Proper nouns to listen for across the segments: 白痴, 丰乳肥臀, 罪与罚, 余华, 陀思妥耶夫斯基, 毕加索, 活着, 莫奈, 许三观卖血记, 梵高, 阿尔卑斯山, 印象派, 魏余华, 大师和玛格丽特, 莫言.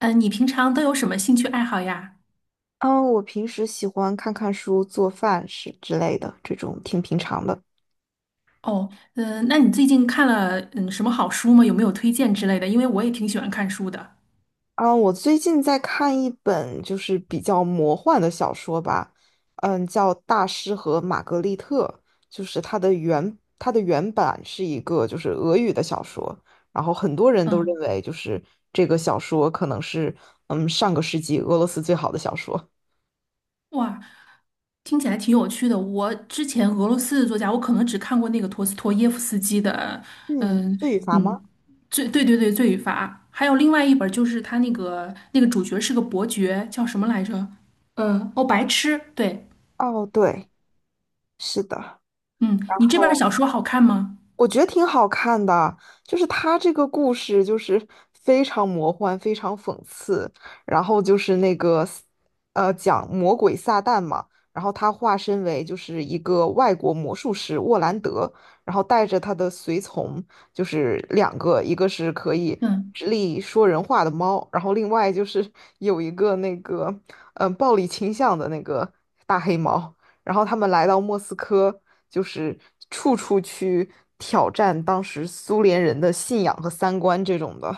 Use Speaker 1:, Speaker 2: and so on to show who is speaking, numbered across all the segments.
Speaker 1: 你平常都有什么兴趣爱好呀？
Speaker 2: 嗯，我平时喜欢看看书、做饭是之类的，这种挺平常的。
Speaker 1: 哦，嗯，那你最近看了什么好书吗？有没有推荐之类的？因为我也挺喜欢看书的。
Speaker 2: 我最近在看一本就是比较魔幻的小说吧，叫《大师和玛格丽特》，就是它的原版是一个就是俄语的小说，然后很多人都认
Speaker 1: 嗯，
Speaker 2: 为这个小说可能是上个世纪俄罗斯最好的小说。
Speaker 1: 哇，听起来挺有趣的。我之前俄罗斯的作家，我可能只看过那个陀思妥耶夫斯基的，
Speaker 2: 嗯，
Speaker 1: 嗯
Speaker 2: 罪与罚
Speaker 1: 嗯，
Speaker 2: 吗？
Speaker 1: 对对对，《罪与罚》，还有另外一本就是他那个主角是个伯爵，叫什么来着？哦，白痴。对，
Speaker 2: 哦，对，是的。
Speaker 1: 嗯，
Speaker 2: 然
Speaker 1: 你这本
Speaker 2: 后。
Speaker 1: 小说好看吗？
Speaker 2: 我觉得挺好看的，就是他这个故事就是非常魔幻，非常讽刺，然后就是那个，讲魔鬼撒旦嘛，然后他化身为就是一个外国魔术师沃兰德，然后带着他的随从，就是两个，一个是可以
Speaker 1: 嗯。
Speaker 2: 直立说人话的猫，然后另外就是有一个暴力倾向的那个大黑猫。然后他们来到莫斯科，就是处处去挑战当时苏联人的信仰和三观这种的，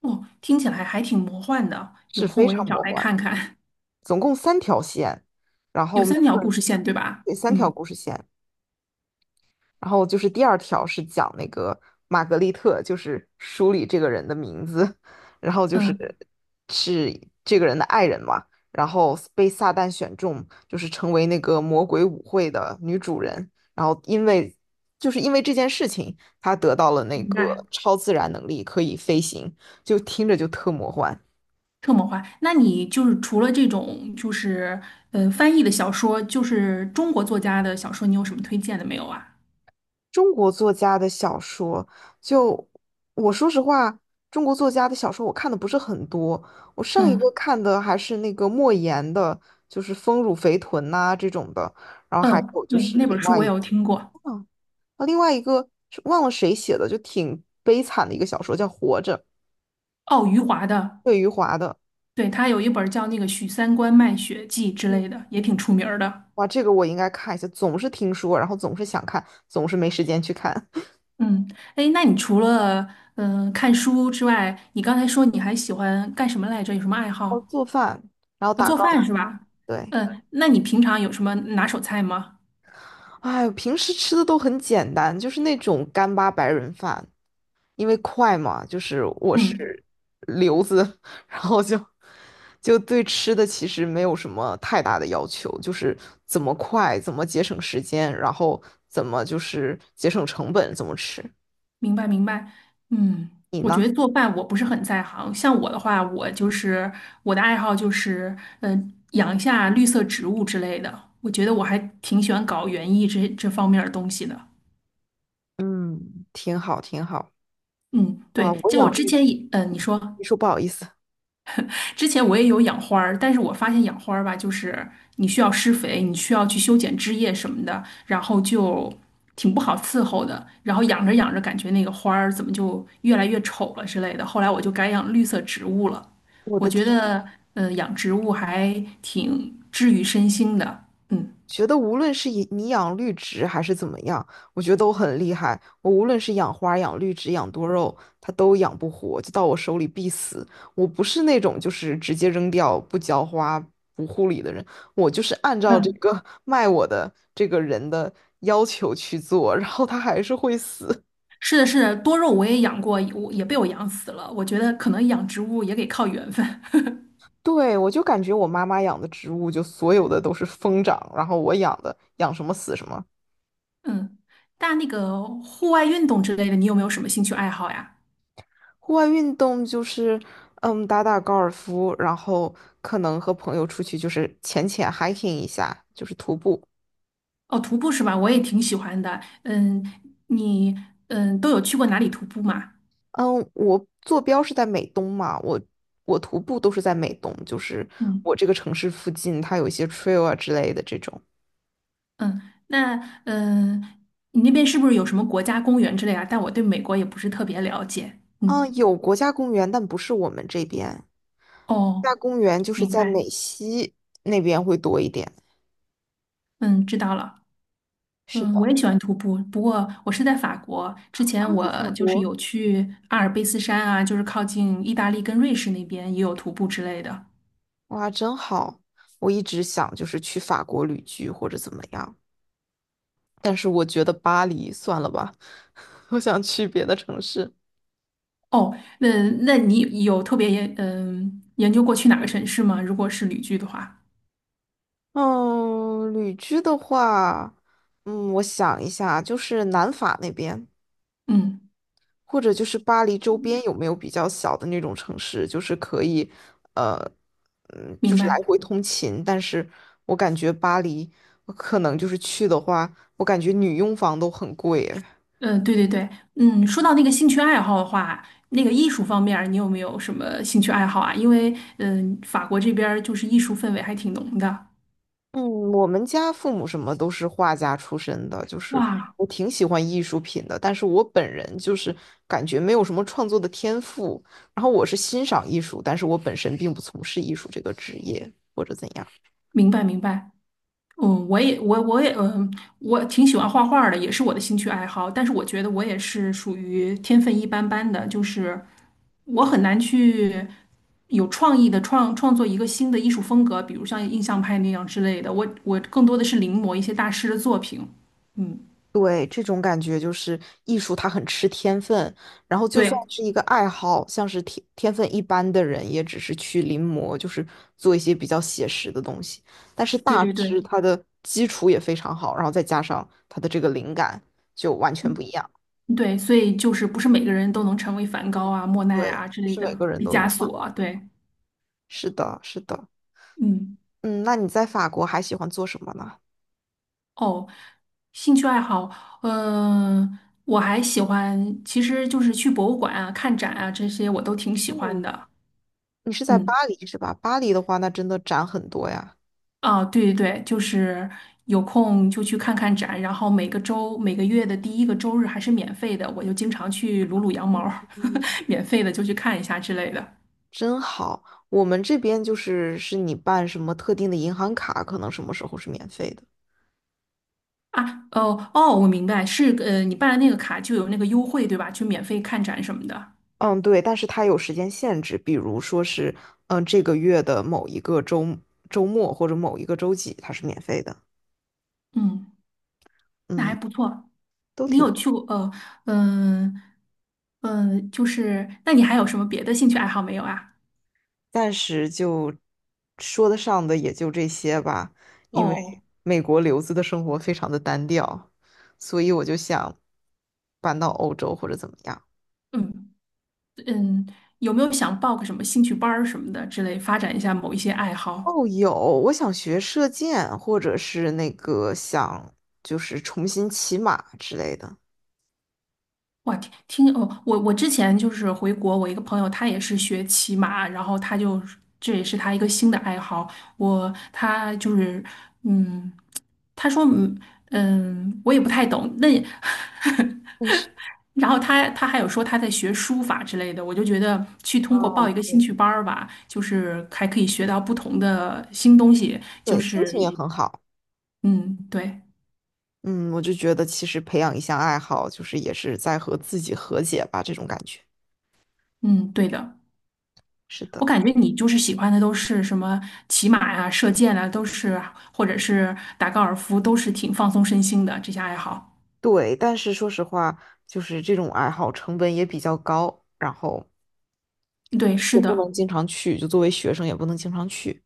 Speaker 1: 哦，听起来还挺魔幻的，有
Speaker 2: 是
Speaker 1: 空
Speaker 2: 非
Speaker 1: 我也
Speaker 2: 常
Speaker 1: 找
Speaker 2: 魔
Speaker 1: 来
Speaker 2: 幻。
Speaker 1: 看看。
Speaker 2: 总共三条线，然
Speaker 1: 有
Speaker 2: 后每
Speaker 1: 三条
Speaker 2: 个
Speaker 1: 故
Speaker 2: 人
Speaker 1: 事线，对吧？
Speaker 2: 对三条
Speaker 1: 嗯
Speaker 2: 故事线。然后就是第二条是讲那个玛格丽特，就是书里这个人的名字，然后就是
Speaker 1: 嗯，
Speaker 2: 是这个人的爱人嘛，然后被撒旦选中，就是成为那个魔鬼舞会的女主人，然后因为就是因为这件事情，她得到了那
Speaker 1: 明白，
Speaker 2: 个超自然能力，可以飞行，就听着就特魔幻。
Speaker 1: 特魔幻。那你就是除了这种翻译的小说，就是中国作家的小说，你有什么推荐的没有啊？
Speaker 2: 中国作家的小说，就我说实话，中国作家的小说我看的不是很多。我上一个
Speaker 1: 嗯
Speaker 2: 看的还是那个莫言的，就是《丰乳肥臀》呐这种的，然后还
Speaker 1: 嗯，
Speaker 2: 有就
Speaker 1: 对，
Speaker 2: 是
Speaker 1: 那
Speaker 2: 另
Speaker 1: 本书
Speaker 2: 外
Speaker 1: 我
Speaker 2: 一
Speaker 1: 也
Speaker 2: 个，
Speaker 1: 有听过，
Speaker 2: 嗯另外一个是忘了谁写的，就挺悲惨的一个小说，叫《活着》，
Speaker 1: 哦，余华的，
Speaker 2: 魏余华的。
Speaker 1: 对，他有一本叫那个《许三观卖血记》之
Speaker 2: 嗯，
Speaker 1: 类的，也挺出名儿的。
Speaker 2: 哇，这个我应该看一下，总是听说，然后总是想看，总是没时间去看。
Speaker 1: 嗯，哎，那你除了看书之外，你刚才说你还喜欢干什么来着？有什么爱
Speaker 2: 哦，
Speaker 1: 好？
Speaker 2: 做饭，然后打
Speaker 1: 做
Speaker 2: 高尔
Speaker 1: 饭是
Speaker 2: 夫，
Speaker 1: 吧？
Speaker 2: 对。
Speaker 1: 嗯，那你平常有什么拿手菜吗？
Speaker 2: 哎，平时吃的都很简单，就是那种干巴白人饭，因为快嘛，就是我
Speaker 1: 嗯，
Speaker 2: 是留子，然后对吃的其实没有什么太大的要求，就是怎么快，怎么节省时间，然后怎么就是节省成本，怎么吃。
Speaker 1: 明白明白。嗯，
Speaker 2: 你
Speaker 1: 我觉
Speaker 2: 呢？
Speaker 1: 得做饭我不是很在行。像我的话，我的爱好就是，养一下绿色植物之类的。我觉得我还挺喜欢搞园艺这方面儿的东西的。
Speaker 2: 嗯，挺好，挺好。
Speaker 1: 嗯，
Speaker 2: 哇，
Speaker 1: 对，
Speaker 2: 我
Speaker 1: 就我
Speaker 2: 养
Speaker 1: 之
Speaker 2: 绿，
Speaker 1: 前也，你说。
Speaker 2: 你说不好意思，
Speaker 1: 之前我也有养花儿，但是我发现养花儿吧，就是你需要施肥，你需要去修剪枝叶什么的，然后就挺不好伺候的。然后养着养着，感觉那个花儿怎么就越来越丑了之类的。后来我就改养绿色植物了。
Speaker 2: 我
Speaker 1: 我
Speaker 2: 的
Speaker 1: 觉
Speaker 2: 天，
Speaker 1: 得，养植物还挺治愈身心的。嗯，
Speaker 2: 觉得无论是以你养绿植还是怎么样，我觉得都很厉害。我无论是养花、养绿植、养多肉，它都养不活，就到我手里必死。我不是那种就是直接扔掉、不浇花、不护理的人，我就是按照这
Speaker 1: 嗯，
Speaker 2: 个卖我的这个人的要求去做，然后它还是会死。
Speaker 1: 是的，是的，多肉我也养过，我也被我养死了。我觉得可能养植物也得靠缘分。
Speaker 2: 对，我就感觉我妈妈养的植物，就所有的都是疯长，然后我养的养什么死什么。
Speaker 1: 嗯，但那个户外运动之类的，你有没有什么兴趣爱好呀？
Speaker 2: 户外运动就是，打打高尔夫，然后可能和朋友出去就是浅浅 hiking 一下，就是徒步。
Speaker 1: 哦，徒步是吧？我也挺喜欢的。嗯，你嗯都有去过哪里徒步吗？
Speaker 2: 嗯，我坐标是在美东嘛，我徒步都是在美东，就是
Speaker 1: 嗯
Speaker 2: 我这个城市附近，它有一些 trail 啊之类的这种。
Speaker 1: 嗯，那嗯，你那边是不是有什么国家公园之类啊？但我对美国也不是特别了解。嗯，
Speaker 2: 嗯，有国家公园，但不是我们这边。国家
Speaker 1: 哦，
Speaker 2: 公园就是
Speaker 1: 明
Speaker 2: 在
Speaker 1: 白。
Speaker 2: 美西那边会多一点。
Speaker 1: 嗯，知道了。
Speaker 2: 是
Speaker 1: 嗯，我
Speaker 2: 的，
Speaker 1: 也喜欢徒步，不过我是在法国。之前
Speaker 2: 啊，在
Speaker 1: 我
Speaker 2: 法
Speaker 1: 就是
Speaker 2: 国，
Speaker 1: 有去阿尔卑斯山啊，就是靠近意大利跟瑞士那边也有徒步之类的。
Speaker 2: 哇，真好！我一直想就是去法国旅居或者怎么样。但是我觉得巴黎算了吧，我想去别的城市。
Speaker 1: 哦，那那你有特别研究过去哪个城市吗？如果是旅居的话。
Speaker 2: 嗯，旅居的话，我想一下，就是南法那边，
Speaker 1: 嗯，
Speaker 2: 或者就是巴黎周边有没有比较小的那种城市，就是可以，呃，就
Speaker 1: 明
Speaker 2: 是来
Speaker 1: 白。
Speaker 2: 回通勤。但是我感觉巴黎，我可能就是去的话，我感觉女佣房都很贵，
Speaker 1: 嗯，对对对，嗯，说到那个兴趣爱好的话，那个艺术方面儿你有没有什么兴趣爱好啊？因为，法国这边儿就是艺术氛围还挺浓的。
Speaker 2: 嗯，我们家父母什么都是画家出身的，就是
Speaker 1: 哇，
Speaker 2: 我挺喜欢艺术品的，但是我本人就是感觉没有什么创作的天赋。然后我是欣赏艺术，但是我本身并不从事艺术这个职业或者怎样。
Speaker 1: 明白明白。嗯，我也我我也嗯，我挺喜欢画画的，也是我的兴趣爱好。但是我觉得我也是属于天分一般般的，就是我很难去有创意的创作一个新的艺术风格，比如像印象派那样之类的。我更多的是临摹一些大师的作品。嗯，
Speaker 2: 对，这种感觉就是艺术，它很吃天分。然后，就算
Speaker 1: 对
Speaker 2: 是一个爱好，像是天分一般的人，也只是去临摹，就是做一些比较写实的东西。但是
Speaker 1: 对
Speaker 2: 大
Speaker 1: 对
Speaker 2: 师
Speaker 1: 对，
Speaker 2: 他的基础也非常好，然后再加上他的这个灵感，就完全不一
Speaker 1: 嗯
Speaker 2: 样。
Speaker 1: 对，所以就是不是每个人都能成为梵高啊、莫奈
Speaker 2: 对，
Speaker 1: 啊之
Speaker 2: 不
Speaker 1: 类
Speaker 2: 是每
Speaker 1: 的，
Speaker 2: 个人
Speaker 1: 毕
Speaker 2: 都
Speaker 1: 加
Speaker 2: 能画
Speaker 1: 索啊，
Speaker 2: 画。
Speaker 1: 对，
Speaker 2: 是的，是的。
Speaker 1: 嗯。
Speaker 2: 嗯，那你在法国还喜欢做什么呢？
Speaker 1: 哦，兴趣爱好，嗯、我还喜欢，其实就是去博物馆啊、看展啊这些，我都挺喜欢
Speaker 2: 嗯，
Speaker 1: 的。
Speaker 2: 你是在
Speaker 1: 嗯，
Speaker 2: 巴黎是吧？巴黎的话，那真的展很多呀。
Speaker 1: 啊，对对对，就是有空就去看看展，然后每个周、每个月的第一个周日还是免费的，我就经常去撸撸羊毛儿，
Speaker 2: 嗯。
Speaker 1: 免费的就去看一下之类的。
Speaker 2: 真好。我们这边就是是你办什么特定的银行卡，可能什么时候是免费的。
Speaker 1: 啊，哦哦，我明白，你办了那个卡就有那个优惠，对吧？就免费看展什么的。
Speaker 2: 嗯，对，但是它有时间限制，比如说是，这个月的某一个周末或者某一个周几，它是免费的。
Speaker 1: 嗯，那还
Speaker 2: 嗯，
Speaker 1: 不错。
Speaker 2: 都
Speaker 1: 你
Speaker 2: 挺，
Speaker 1: 有去过嗯嗯，就是那你还有什么别的兴趣爱好没有啊？
Speaker 2: 暂时就说得上的也就这些吧，因为
Speaker 1: 哦，
Speaker 2: 美国留子的生活非常的单调，所以我就想搬到欧洲或者怎么样。
Speaker 1: 嗯嗯，有没有想报个什么兴趣班儿什么的之类，发展一下某一些爱好？
Speaker 2: 哦，有，我想学射箭，或者是那个想就是重新骑马之类的。
Speaker 1: 哇，听听哦，我之前就是回国，我一个朋友他也是学骑马，然后他就这也是他一个新的爱好。我他就是嗯，他说嗯嗯，我也不太懂，那也
Speaker 2: 但是，
Speaker 1: 然后他还有说他在学书法之类的，我就觉得去通过报
Speaker 2: 哦，
Speaker 1: 一个兴趣
Speaker 2: 对，
Speaker 1: 班儿吧，就是还可以学到不同的新东西，就
Speaker 2: 对，心
Speaker 1: 是
Speaker 2: 情也很好。
Speaker 1: 嗯，对，
Speaker 2: 嗯，我就觉得其实培养一项爱好，就是也是在和自己和解吧，这种感觉。
Speaker 1: 嗯，对的。
Speaker 2: 是的，
Speaker 1: 我感觉你就是喜欢的都是什么骑马呀、射箭啊，都是或者是打高尔夫，都是挺放松身心的这些爱好。
Speaker 2: 对。但是说实话，就是这种爱好成本也比较高，然后
Speaker 1: 对，
Speaker 2: 也
Speaker 1: 是
Speaker 2: 不能
Speaker 1: 的，
Speaker 2: 经常去，就作为学生也不能经常去，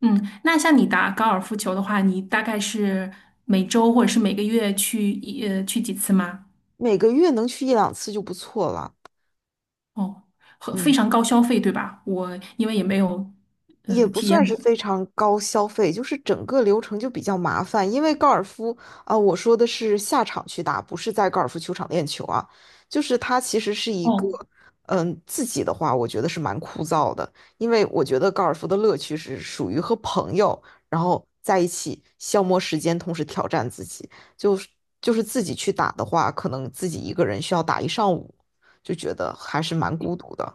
Speaker 1: 嗯，那像你打高尔夫球的话，你大概是每周或者是每个月去几次吗？
Speaker 2: 每个月能去一两次就不错了。
Speaker 1: 哦，很非
Speaker 2: 嗯。
Speaker 1: 常高消费，对吧？我因为也没有
Speaker 2: 也不
Speaker 1: 体
Speaker 2: 算
Speaker 1: 验
Speaker 2: 是
Speaker 1: 过。
Speaker 2: 非常高消费，就是整个流程就比较麻烦。因为高尔夫啊、我说的是下场去打，不是在高尔夫球场练球啊。就是它其实是一个，
Speaker 1: 哦，
Speaker 2: 自己的话，我觉得是蛮枯燥的，因为我觉得高尔夫的乐趣是属于和朋友，然后在一起消磨时间，同时挑战自己。就是就是自己去打的话，可能自己一个人需要打一上午，就觉得还是蛮孤独的。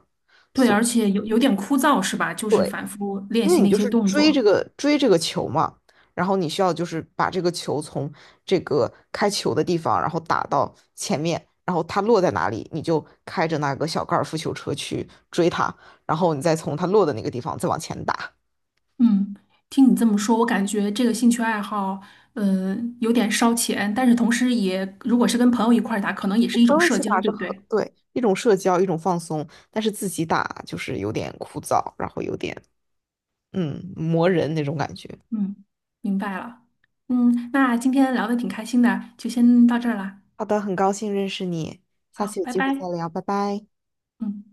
Speaker 1: 对，
Speaker 2: 所
Speaker 1: 而且有点枯燥，是吧？就是反复练
Speaker 2: 因为
Speaker 1: 习
Speaker 2: 你
Speaker 1: 那
Speaker 2: 就
Speaker 1: 些
Speaker 2: 是
Speaker 1: 动作。
Speaker 2: 追这个球嘛，然后你需要就是把这个球从这个开球的地方，然后打到前面，然后它落在哪里，你就开着那个小高尔夫球车去追它，然后你再从它落的那个地方再往前打。
Speaker 1: 嗯，听你这么说，我感觉这个兴趣爱好，有点烧钱，但是同时也，如果是跟朋友一块儿打，可能也是一
Speaker 2: 朋
Speaker 1: 种
Speaker 2: 友一
Speaker 1: 社
Speaker 2: 起
Speaker 1: 交，
Speaker 2: 打
Speaker 1: 对
Speaker 2: 是
Speaker 1: 不
Speaker 2: 很，
Speaker 1: 对？
Speaker 2: 对，一种社交，一种放松，但是自己打就是有点枯燥，然后有点磨人那种感觉。
Speaker 1: 嗯，明白了。嗯，那今天聊的挺开心的，就先到这儿啦。
Speaker 2: 好的，很高兴认识你，下
Speaker 1: 好，
Speaker 2: 次有
Speaker 1: 拜
Speaker 2: 机会再
Speaker 1: 拜。
Speaker 2: 聊，拜拜。
Speaker 1: 嗯。